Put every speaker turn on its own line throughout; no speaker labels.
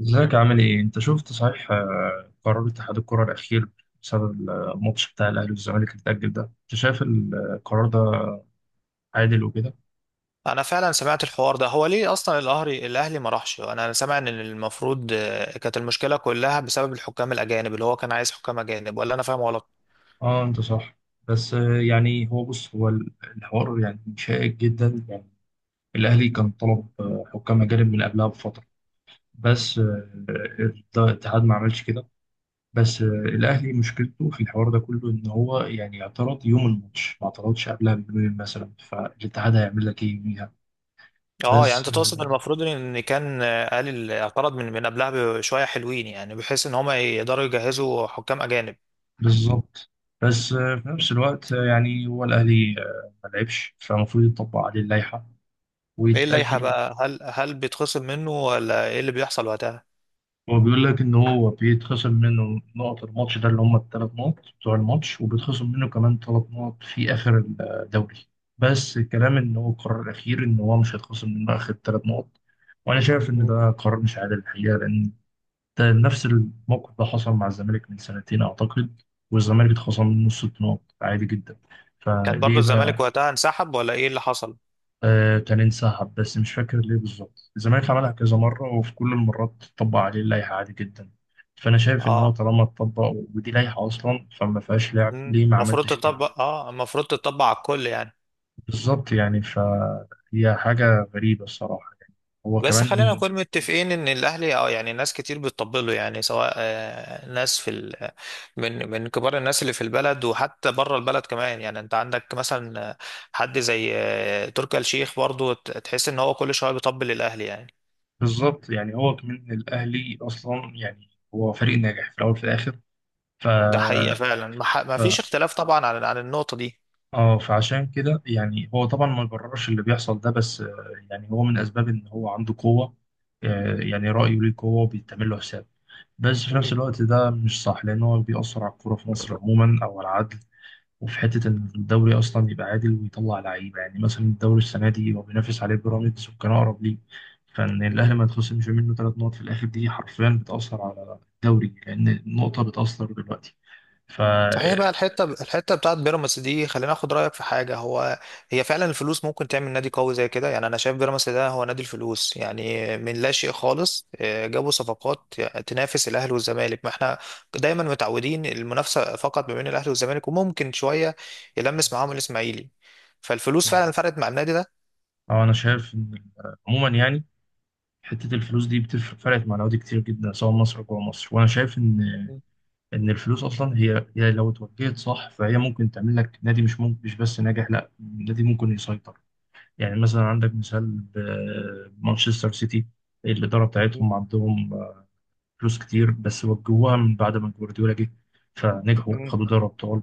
ازيك عامل ايه؟ انت شفت صحيح قرار اتحاد الكرة الأخير بسبب الماتش بتاع الأهلي والزمالك اللي اتأجل ده؟ انت شايف القرار ده عادل وكده؟
انا فعلا سمعت الحوار ده. هو ليه اصلا الاهلي ما راحش؟ انا سامع ان المفروض كانت المشكله كلها بسبب الحكام الاجانب، اللي هو كان عايز حكام اجانب، ولا انا فاهم غلط؟
اه، انت صح. بس يعني هو بص، هو الحوار يعني شائك جدا. يعني الأهلي كان طلب حكام أجانب من قبلها بفترة، بس الاتحاد ما عملش كده. بس الأهلي مشكلته في الحوار ده كله إن هو يعني اعترض يوم الماتش، ما اعترضش قبلها بيومين مثلا، فالاتحاد هيعمل لك ايه يوميها؟
اه يعني
بس
انت تقصد المفروض ان كان قال اعترض من قبلها بشويه حلوين، يعني بحيث ان هم يقدروا يجهزوا حكام اجانب.
بالظبط. بس في نفس الوقت يعني هو الأهلي ما لعبش، فالمفروض يطبق عليه اللائحة
ايه اللائحه
ويتأجل.
بقى؟ هل بيتخصم منه ولا ايه اللي بيحصل وقتها؟
هو بيقول لك إن هو بيتخصم منه نقط الماتش ده اللي هم الثلاث نقط بتوع الماتش، وبيتخصم منه كمان 3 نقط في آخر الدوري. بس الكلام إن هو القرار الأخير إن هو مش هيتخصم منه آخر 3 نقط، وأنا شايف إن
مم.
ده قرار مش عادل الحقيقة، لأن ده نفس الموقف ده حصل مع الزمالك من سنتين أعتقد، والزمالك اتخصم منه 6 نقط عادي جدا.
كان برضو
فليه بقى؟
الزمالك وقتها انسحب ولا ايه اللي حصل؟
آه، كان انسحب بس مش فاكر ليه بالظبط. الزمالك عملها كذا مرة، وفي كل المرات طبق عليه اللائحة عادي جدا. فأنا شايف إن هو
اه.
طالما اتطبق، ودي لائحة أصلا فما فيهاش لعب،
مم.
ليه ما
المفروض
عملتش كده؟
تطبق، اه المفروض تطبق على الكل يعني.
بالظبط يعني، فهي حاجة غريبة الصراحة يعني. هو
بس خلينا
كمان.
نكون متفقين ان الاهلي، اه يعني ناس كتير بتطبله، يعني سواء ناس في ال... آه، من كبار الناس اللي في البلد، وحتى بره البلد كمان. يعني انت عندك مثلا حد زي تركي آل الشيخ، برضو تحس ان هو كل شويه بيطبل الاهلي يعني.
بالظبط يعني، هو كمان الأهلي أصلا يعني هو فريق ناجح في الأول وفي الآخر. ف...
ده حقيقه فعلا، ما فيش اختلاف طبعا عن النقطه دي.
اه، فعشان كده يعني هو طبعا ما يبررش اللي بيحصل ده، بس يعني هو من اسباب ان هو عنده قوه. يعني
مم.
رايه ليه قوه وبيتعمل له حساب. بس في نفس الوقت ده مش صح، لان هو بيأثر على الكوره في مصر عموما او على العدل، وفي حته ان الدوري اصلا يبقى عادل ويطلع لعيبه. يعني مثلا الدوري السنه دي هو بينافس عليه بيراميدز وكان اقرب ليه، فان
مم.
الاهلي ما يتخصمش منه 3 نقط في الاخر دي حرفيا بتأثر على الدوري، لان النقطه بتأثر دلوقتي. ف
صحيح، بقى
آه،
الحته بتاعت بيراميدز دي، خلينا اخد رايك في حاجه. هو هي فعلا الفلوس ممكن تعمل نادي قوي زي كده يعني؟ انا شايف بيراميدز ده هو نادي الفلوس، يعني من لا شيء خالص جابوا صفقات تنافس الاهلي والزمالك. ما احنا دايما متعودين المنافسه فقط ما بين الاهلي والزمالك، وممكن شويه يلمس معاهم الاسماعيلي. فالفلوس فعلا فرقت مع النادي
انا شايف ان عموما يعني حتة الفلوس دي بتفرق، فرقت مع الأهلي كتير جدا، سواء مصر أو جوه مصر. وأنا شايف إن الفلوس أصلا هي هي لو اتوجهت صح فهي ممكن تعمل لك نادي، مش ممكن مش بس ناجح، لا نادي ممكن يسيطر. يعني مثلا عندك مثال مانشستر سيتي. الإدارة بتاعتهم عندهم فلوس كتير، بس وجوها من بعد ما جوارديولا جه فنجحوا، خدوا
ده.
دوري ابطال.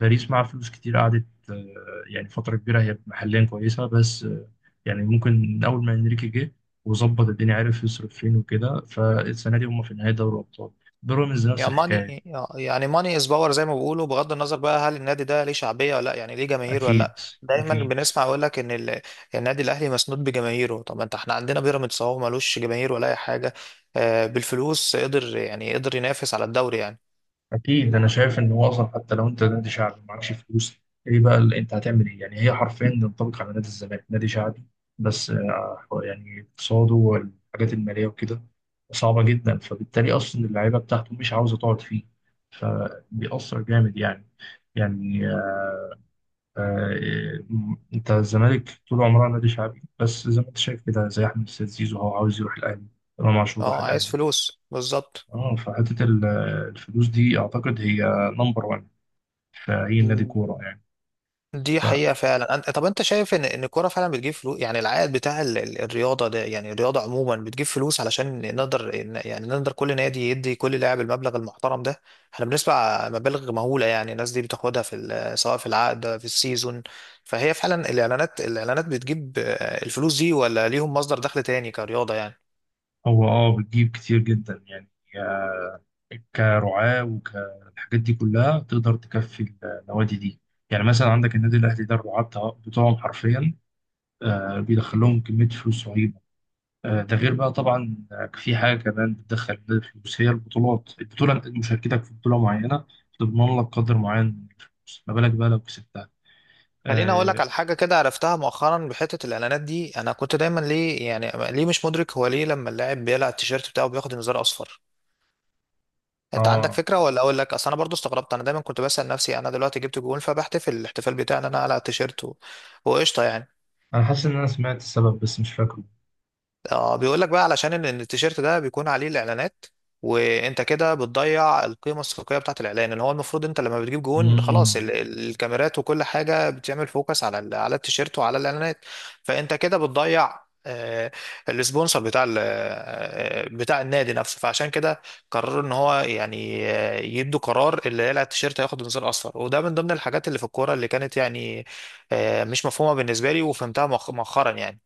باريس مع فلوس كتير قعدت يعني فتره كبيره، هي محليا كويسه، بس يعني ممكن من اول ما انريكي جه وظبط الدنيا، عرف يصرف فين وكده، فالسنه دي هم في نهايه دوري الابطال. بيراميدز نفس
يعني
الحكايه.
ماني، يعني ماني از باور زي ما بيقولوا. بغض النظر بقى، هل النادي ده ليه شعبيه ولا لا، يعني ليه جماهير ولا لا؟
اكيد،
دايما
اكيد،
بنسمع يقول لك ان النادي الاهلي مسنود بجماهيره. طب ما انت احنا عندنا بيراميدز اهو، ملوش جماهير ولا اي حاجه، بالفلوس قدر، يعني قدر ينافس على الدوري يعني.
اكيد. انا شايف ان هو اصلا حتى لو انت نادي شعبي ومعكش فلوس، ايه بقى اللي انت هتعمل، ايه يعني؟ هي حرفيا تنطبق على نادي الزمالك، نادي شعبي، بس يعني اقتصاده والحاجات الماليه وكده صعبه جدا، فبالتالي اصلا اللعيبه بتاعته مش عاوزه تقعد فيه، فبيأثر جامد يعني. يعني آه، انت الزمالك طول عمرها نادي شعبي، بس زي ما انت شايف كده، زي احمد السيد زيزو هو عاوز يروح الاهلي، امام عاشور راح
اه، عايز
الاهلي.
فلوس بالظبط.
اه، فحته الفلوس دي اعتقد هي نمبر 1 في أي نادي كورة يعني.
دي حقيقة فعلا. طب انت شايف ان ان الكورة فعلا بتجيب فلوس؟ يعني العائد بتاع الرياضة ده، يعني الرياضة عموما بتجيب فلوس علشان نقدر يعني نقدر كل نادي يدي كل لاعب المبلغ المحترم ده؟ احنا بنسمع مبالغ مهولة يعني، الناس دي بتاخدها في سواء في العقد في السيزون. فهي فعلا الاعلانات، الاعلانات بتجيب الفلوس دي، ولا ليهم مصدر دخل تاني كرياضة يعني؟
فهو بتجيب كتير جدا يعني، كرعاة وكالحاجات دي كلها تقدر تكفي النوادي دي. يعني مثلا عندك النادي الأهلي ده الرعاة بتوعهم حرفيا بيدخل لهم كمية فلوس رهيبة. ده غير بقى طبعا في حاجة كمان بتدخل النادي فلوس، هي البطولات. البطولة مشاركتك في بطولة معينة تضمن لك قدر معين من الفلوس، ما بالك بقى لو كسبتها؟
خليني اقول لك
اه.
على حاجه كده عرفتها مؤخرا بحته الاعلانات دي. انا كنت دايما ليه، يعني ليه مش مدرك هو ليه لما اللاعب بيقلع التيشيرت بتاعه بياخد انذار اصفر؟ انت عندك
آه،
فكره ولا اقول لك؟ اصل انا برضو استغربت، انا دايما كنت بسال نفسي انا دلوقتي جبت جون، فبحتفل الاحتفال بتاعي ان انا على التيشيرت وقشطه يعني.
انا حاسس ان انا سمعت السبب بس مش
اه بيقول لك بقى علشان ان إن التيشيرت ده بيكون عليه الاعلانات، وانت كده بتضيع القيمه السوقيه بتاعت الاعلان، اللي هو المفروض انت لما بتجيب جون
فاكره.
خلاص الكاميرات وكل حاجه بتعمل فوكس على على التيشيرت وعلى الاعلانات. فانت كده بتضيع السبونسر بتاع بتاع النادي نفسه. فعشان كده قرروا ان هو يعني يدوا قرار اللي يقلع التيشيرت هياخد انذار اصفر. وده من ضمن الحاجات اللي في الكوره اللي كانت يعني مش مفهومه بالنسبه لي، وفهمتها مؤخرا يعني.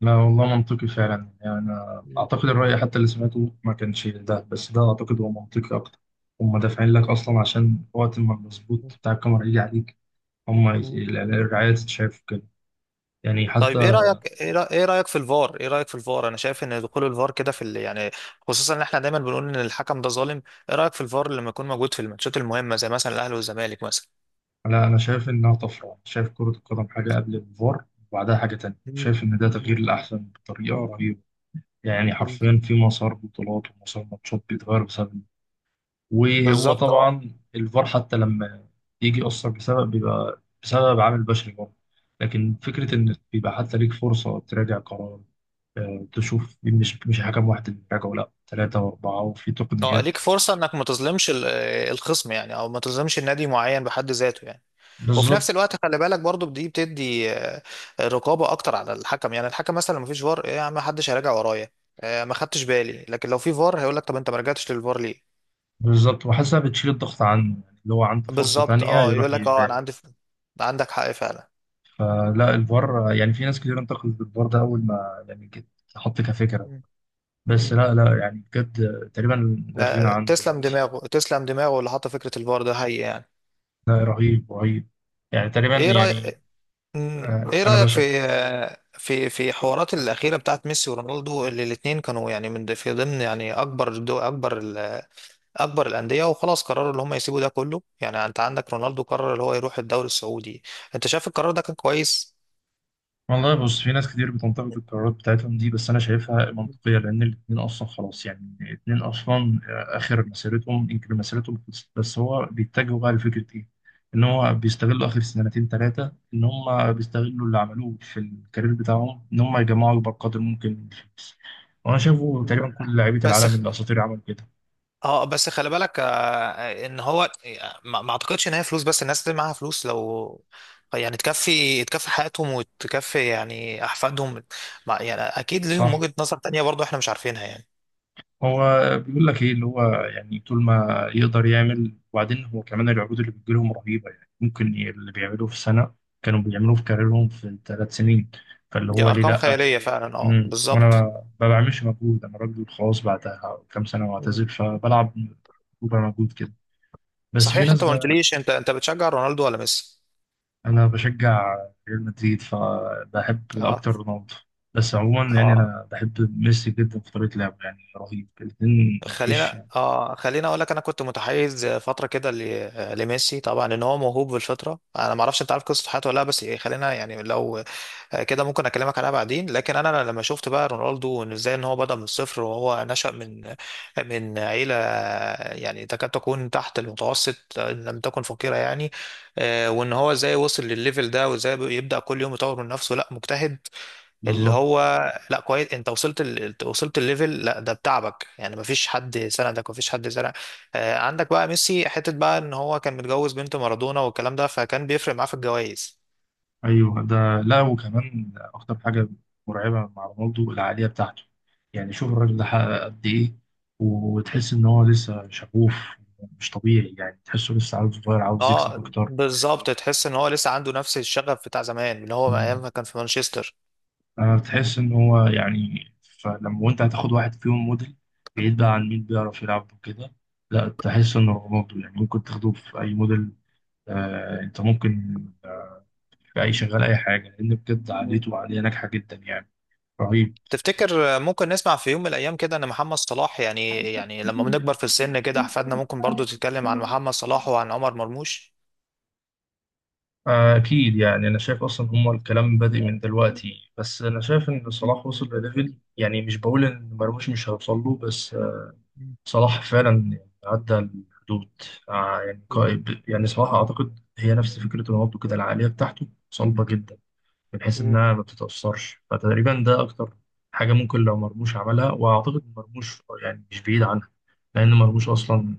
لا والله منطقي فعلا، يعني أنا أعتقد الرأي حتى اللي سمعته ما كانش ده، بس ده أعتقد هو منطقي أكتر. هم دافعين لك أصلا عشان وقت ما المظبوط بتاع الكاميرا يجي عليك، هم
مم.
الرعاية تتشاف كده. يعني حتى.
طيب ايه رايك؟ ايه إيه رايك في الفار؟ ايه رايك في الفار؟ انا شايف ان دخول الفار كده في يعني، خصوصا ان احنا دايما بنقول ان الحكم ده ظالم. ايه رايك في الفار لما يكون موجود في الماتشات المهمه زي مثلا الاهلي والزمالك مثلا؟
لا، أنا شايف إنها طفرة، شايف كرة القدم حاجة قبل الفار وبعدها حاجة تانية.
مم.
شايف إن ده تغيير
مم.
الأحسن بطريقة رهيبة. يعني
مم.
حرفيا في مسار بطولات ومسار ماتشات بيتغير بسبب. وهو
بالظبط، اه.
طبعا الفار حتى لما يجي يأثر بسبب بيبقى بسبب عامل بشري برضه. لكن فكرة إن بيبقى حتى ليك فرصة تراجع قرار، تشوف مش حكم واحد اللي بيراجعه، لا
مم.
ثلاثة وأربعة وفي
اه
تقنيات.
ليك فرصه انك ما تظلمش الخصم يعني، او ما تظلمش النادي معين بحد ذاته يعني. وفي
بالظبط.
نفس الوقت خلي بالك برضو دي بتدي رقابه اكتر على الحكم. يعني الحكم مثلا لو مفيش فار، ايه يا عم؟ محدش هيراجع ورايا، ما خدتش بالي. لكن لو في فار هيقول لك طب انت ما رجعتش للفار ليه؟
بالظبط، وحاسسها بتشيل الضغط عنه يعني، اللي هو عنده فرصة
بالظبط،
تانية
اه.
يروح
يقول لك اه انا
يراجع.
عندي عندك حق فعلا.
فلا الفار يعني، في ناس كتير انتقدت الفار ده أول ما يعني اتحط كفكرة.
مم.
بس
مم.
لا، لا يعني بجد، تقريبا لا غنى
لا،
عنه
تسلم
دلوقتي.
دماغه، تسلم دماغه اللي حط فكرة الفار ده، هي يعني.
لا، رهيب، رهيب. يعني تقريبا
ايه رأيك،
يعني،
ايه
انا
رأيك
بشع.
في في في حوارات الأخيرة بتاعت ميسي ورونالدو، اللي الاتنين كانوا يعني من في ضمن يعني اكبر اكبر الأندية، وخلاص قرروا ان هم يسيبوا ده كله. يعني انت عندك رونالدو قرر اللي هو يروح الدوري السعودي. انت شايف القرار ده كان كويس؟
والله بص، في ناس كتير بتنتقد القرارات بتاعتهم دي، بس انا شايفها منطقيه، لان الاتنين اصلا خلاص يعني. الاتنين اصلا اخر مسيرتهم، يمكن مسيرتهم خلصت، بس هو بيتجهوا بقى لفكره ايه؟ ان هو بيستغلوا اخر سنتين ثلاثه، ان هم بيستغلوا اللي عملوه في الكارير بتاعهم، ان هم يجمعوا اكبر قدر ممكن من الفلوس. وانا شايفه
مم.
تقريبا كل لعيبه
بس،
العالم الاساطير عملوا كده.
اه بس خلي بالك ان هو ما اعتقدش ان هي فلوس بس. الناس اللي معاها فلوس لو يعني تكفي حياتهم وتكفي يعني احفادهم، يعني اكيد ليهم
صح.
وجهة نظر تانية برضو احنا مش عارفينها يعني.
هو بيقول لك ايه اللي هو، يعني طول ما يقدر يعمل. وبعدين هو كمان العروض اللي بتجيلهم رهيبة، يعني ممكن اللي بيعملوه في سنة كانوا بيعملوه في كاريرهم في 3 سنين، فاللي
دي
هو ليه
ارقام
لأ؟
خيالية فعلا، اه
وانا
بالظبط.
ما بعملش مجهود، انا راجل خلاص بعدها كام سنة
مم.
واعتزل، فبلعب ربع مجهود كده. بس في
صحيح،
ناس
انت ما
بقى.
قلتليش، انت انت بتشجع رونالدو ولا ميسي؟
انا بشجع ريال مدريد، فبحب
اه.
اكتر رونالدو. بس عموما يعني
اه
انا بحب ميسي جدا في طريقة لعبه، يعني رهيب الاتنين، مفيش
خلينا،
يعني.
خلينا اقول لك انا كنت متحيز فتره كده لميسي طبعا، ان هو موهوب بالفطره. انا ما اعرفش انت عارف قصه حياته ولا لا، بس خلينا يعني لو كده ممكن اكلمك عليها بعدين. لكن انا لما شفت بقى رونالدو، إن ازاي ان هو بدأ من الصفر، وهو نشأ من من عيلة يعني تكاد تكون تحت المتوسط ان لم تكن فقيرة يعني. وان هو ازاي وصل للليفل ده، وازاي يبدأ كل يوم يطور من نفسه. لا مجتهد اللي
بالظبط.
هو، لا كويس انت وصلت وصلت الليفل، لا ده بتعبك، يعني مفيش حد سندك، مفيش حد سندك. عندك بقى ميسي حتة بقى ان هو كان متجوز بنت مارادونا والكلام ده، فكان بيفرق معاه في الجوائز.
ايوه، ده لا وكمان اكتر حاجه مرعبه مع رونالدو العقليه بتاعته. يعني شوف الراجل ده حقق قد ايه، وتحس ان هو لسه شغوف. مش طبيعي، يعني تحسه لسه عاوز، صغير عاوز يكسب
اه
اكتر.
بالظبط، تحس ان هو لسه عنده نفس الشغف بتاع زمان، اللي هو ايام
مم.
ما كان في مانشستر.
انا بتحس ان هو يعني، فلما وانت هتاخد واحد فيهم موديل، بعيد بقى عن مين بيعرف يلعب وكده، لا تحس ان رونالدو يعني ممكن تاخده في اي موديل. انت ممكن في اي شغال، اي حاجه، لان بجد
مم.
عقليته عقليه ناجحه جدا يعني. رهيب.
تفتكر ممكن نسمع في يوم من الايام كده ان محمد صلاح، يعني يعني لما بنكبر في السن كده احفادنا ممكن برضو تتكلم عن محمد صلاح وعن عمر مرموش؟
أكيد يعني. أنا شايف أصلا هما الكلام بادئ من دلوقتي، بس أنا شايف
مم.
إن صلاح وصل لليفل، يعني مش بقول إن مرموش مش هيوصل له، بس صلاح فعلا عدى الحدود. يعني يعني صلاح أعتقد هي نفس فكرة رونالدو كده، العقلية بتاعته صلبة جدا، بحيث
مم.
انها ما بتتأثرش، فتقريبا ده اكتر حاجة ممكن لو مرموش عملها. واعتقد مرموش يعني مش بعيد عنها، لان مرموش اصلا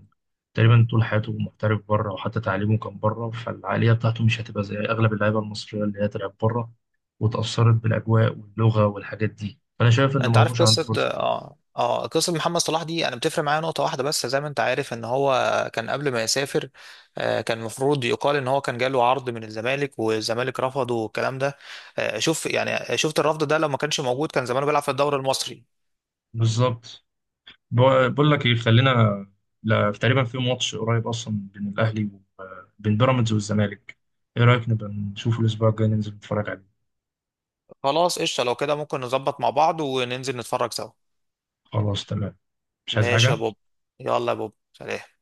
تقريبا طول حياته محترف بره، وحتى تعليمه كان بره، فالعقلية بتاعته مش هتبقى زي اغلب اللعيبة المصرية اللي هي تلعب بره وتأثرت بالاجواء واللغة والحاجات دي. فانا شايف ان
انت عارف
مرموش عنده
قصه،
فرصة.
اه اه قصه محمد صلاح دي؟ انا بتفرق معايا نقطه واحده بس، زي ما انت عارف ان هو كان قبل ما يسافر، كان المفروض يقال ان هو كان جاله عرض من الزمالك والزمالك رفضه والكلام ده. شوف يعني، شفت الرفض ده لو ما كانش موجود، كان زمانه بيلعب في الدوري المصري.
بالظبط. بقول لك ايه، خلينا، لا تقريبا في ماتش قريب اصلا بين الاهلي وبين بيراميدز والزمالك، ايه رايك نبقى نشوف الاسبوع الجاي ننزل نتفرج عليه؟
خلاص قشطه، لو كده ممكن نظبط مع بعض وننزل نتفرج سوا.
خلاص تمام. مش عايز
ماشي يا
حاجة.
بوب. يلا يا بوب، سلام.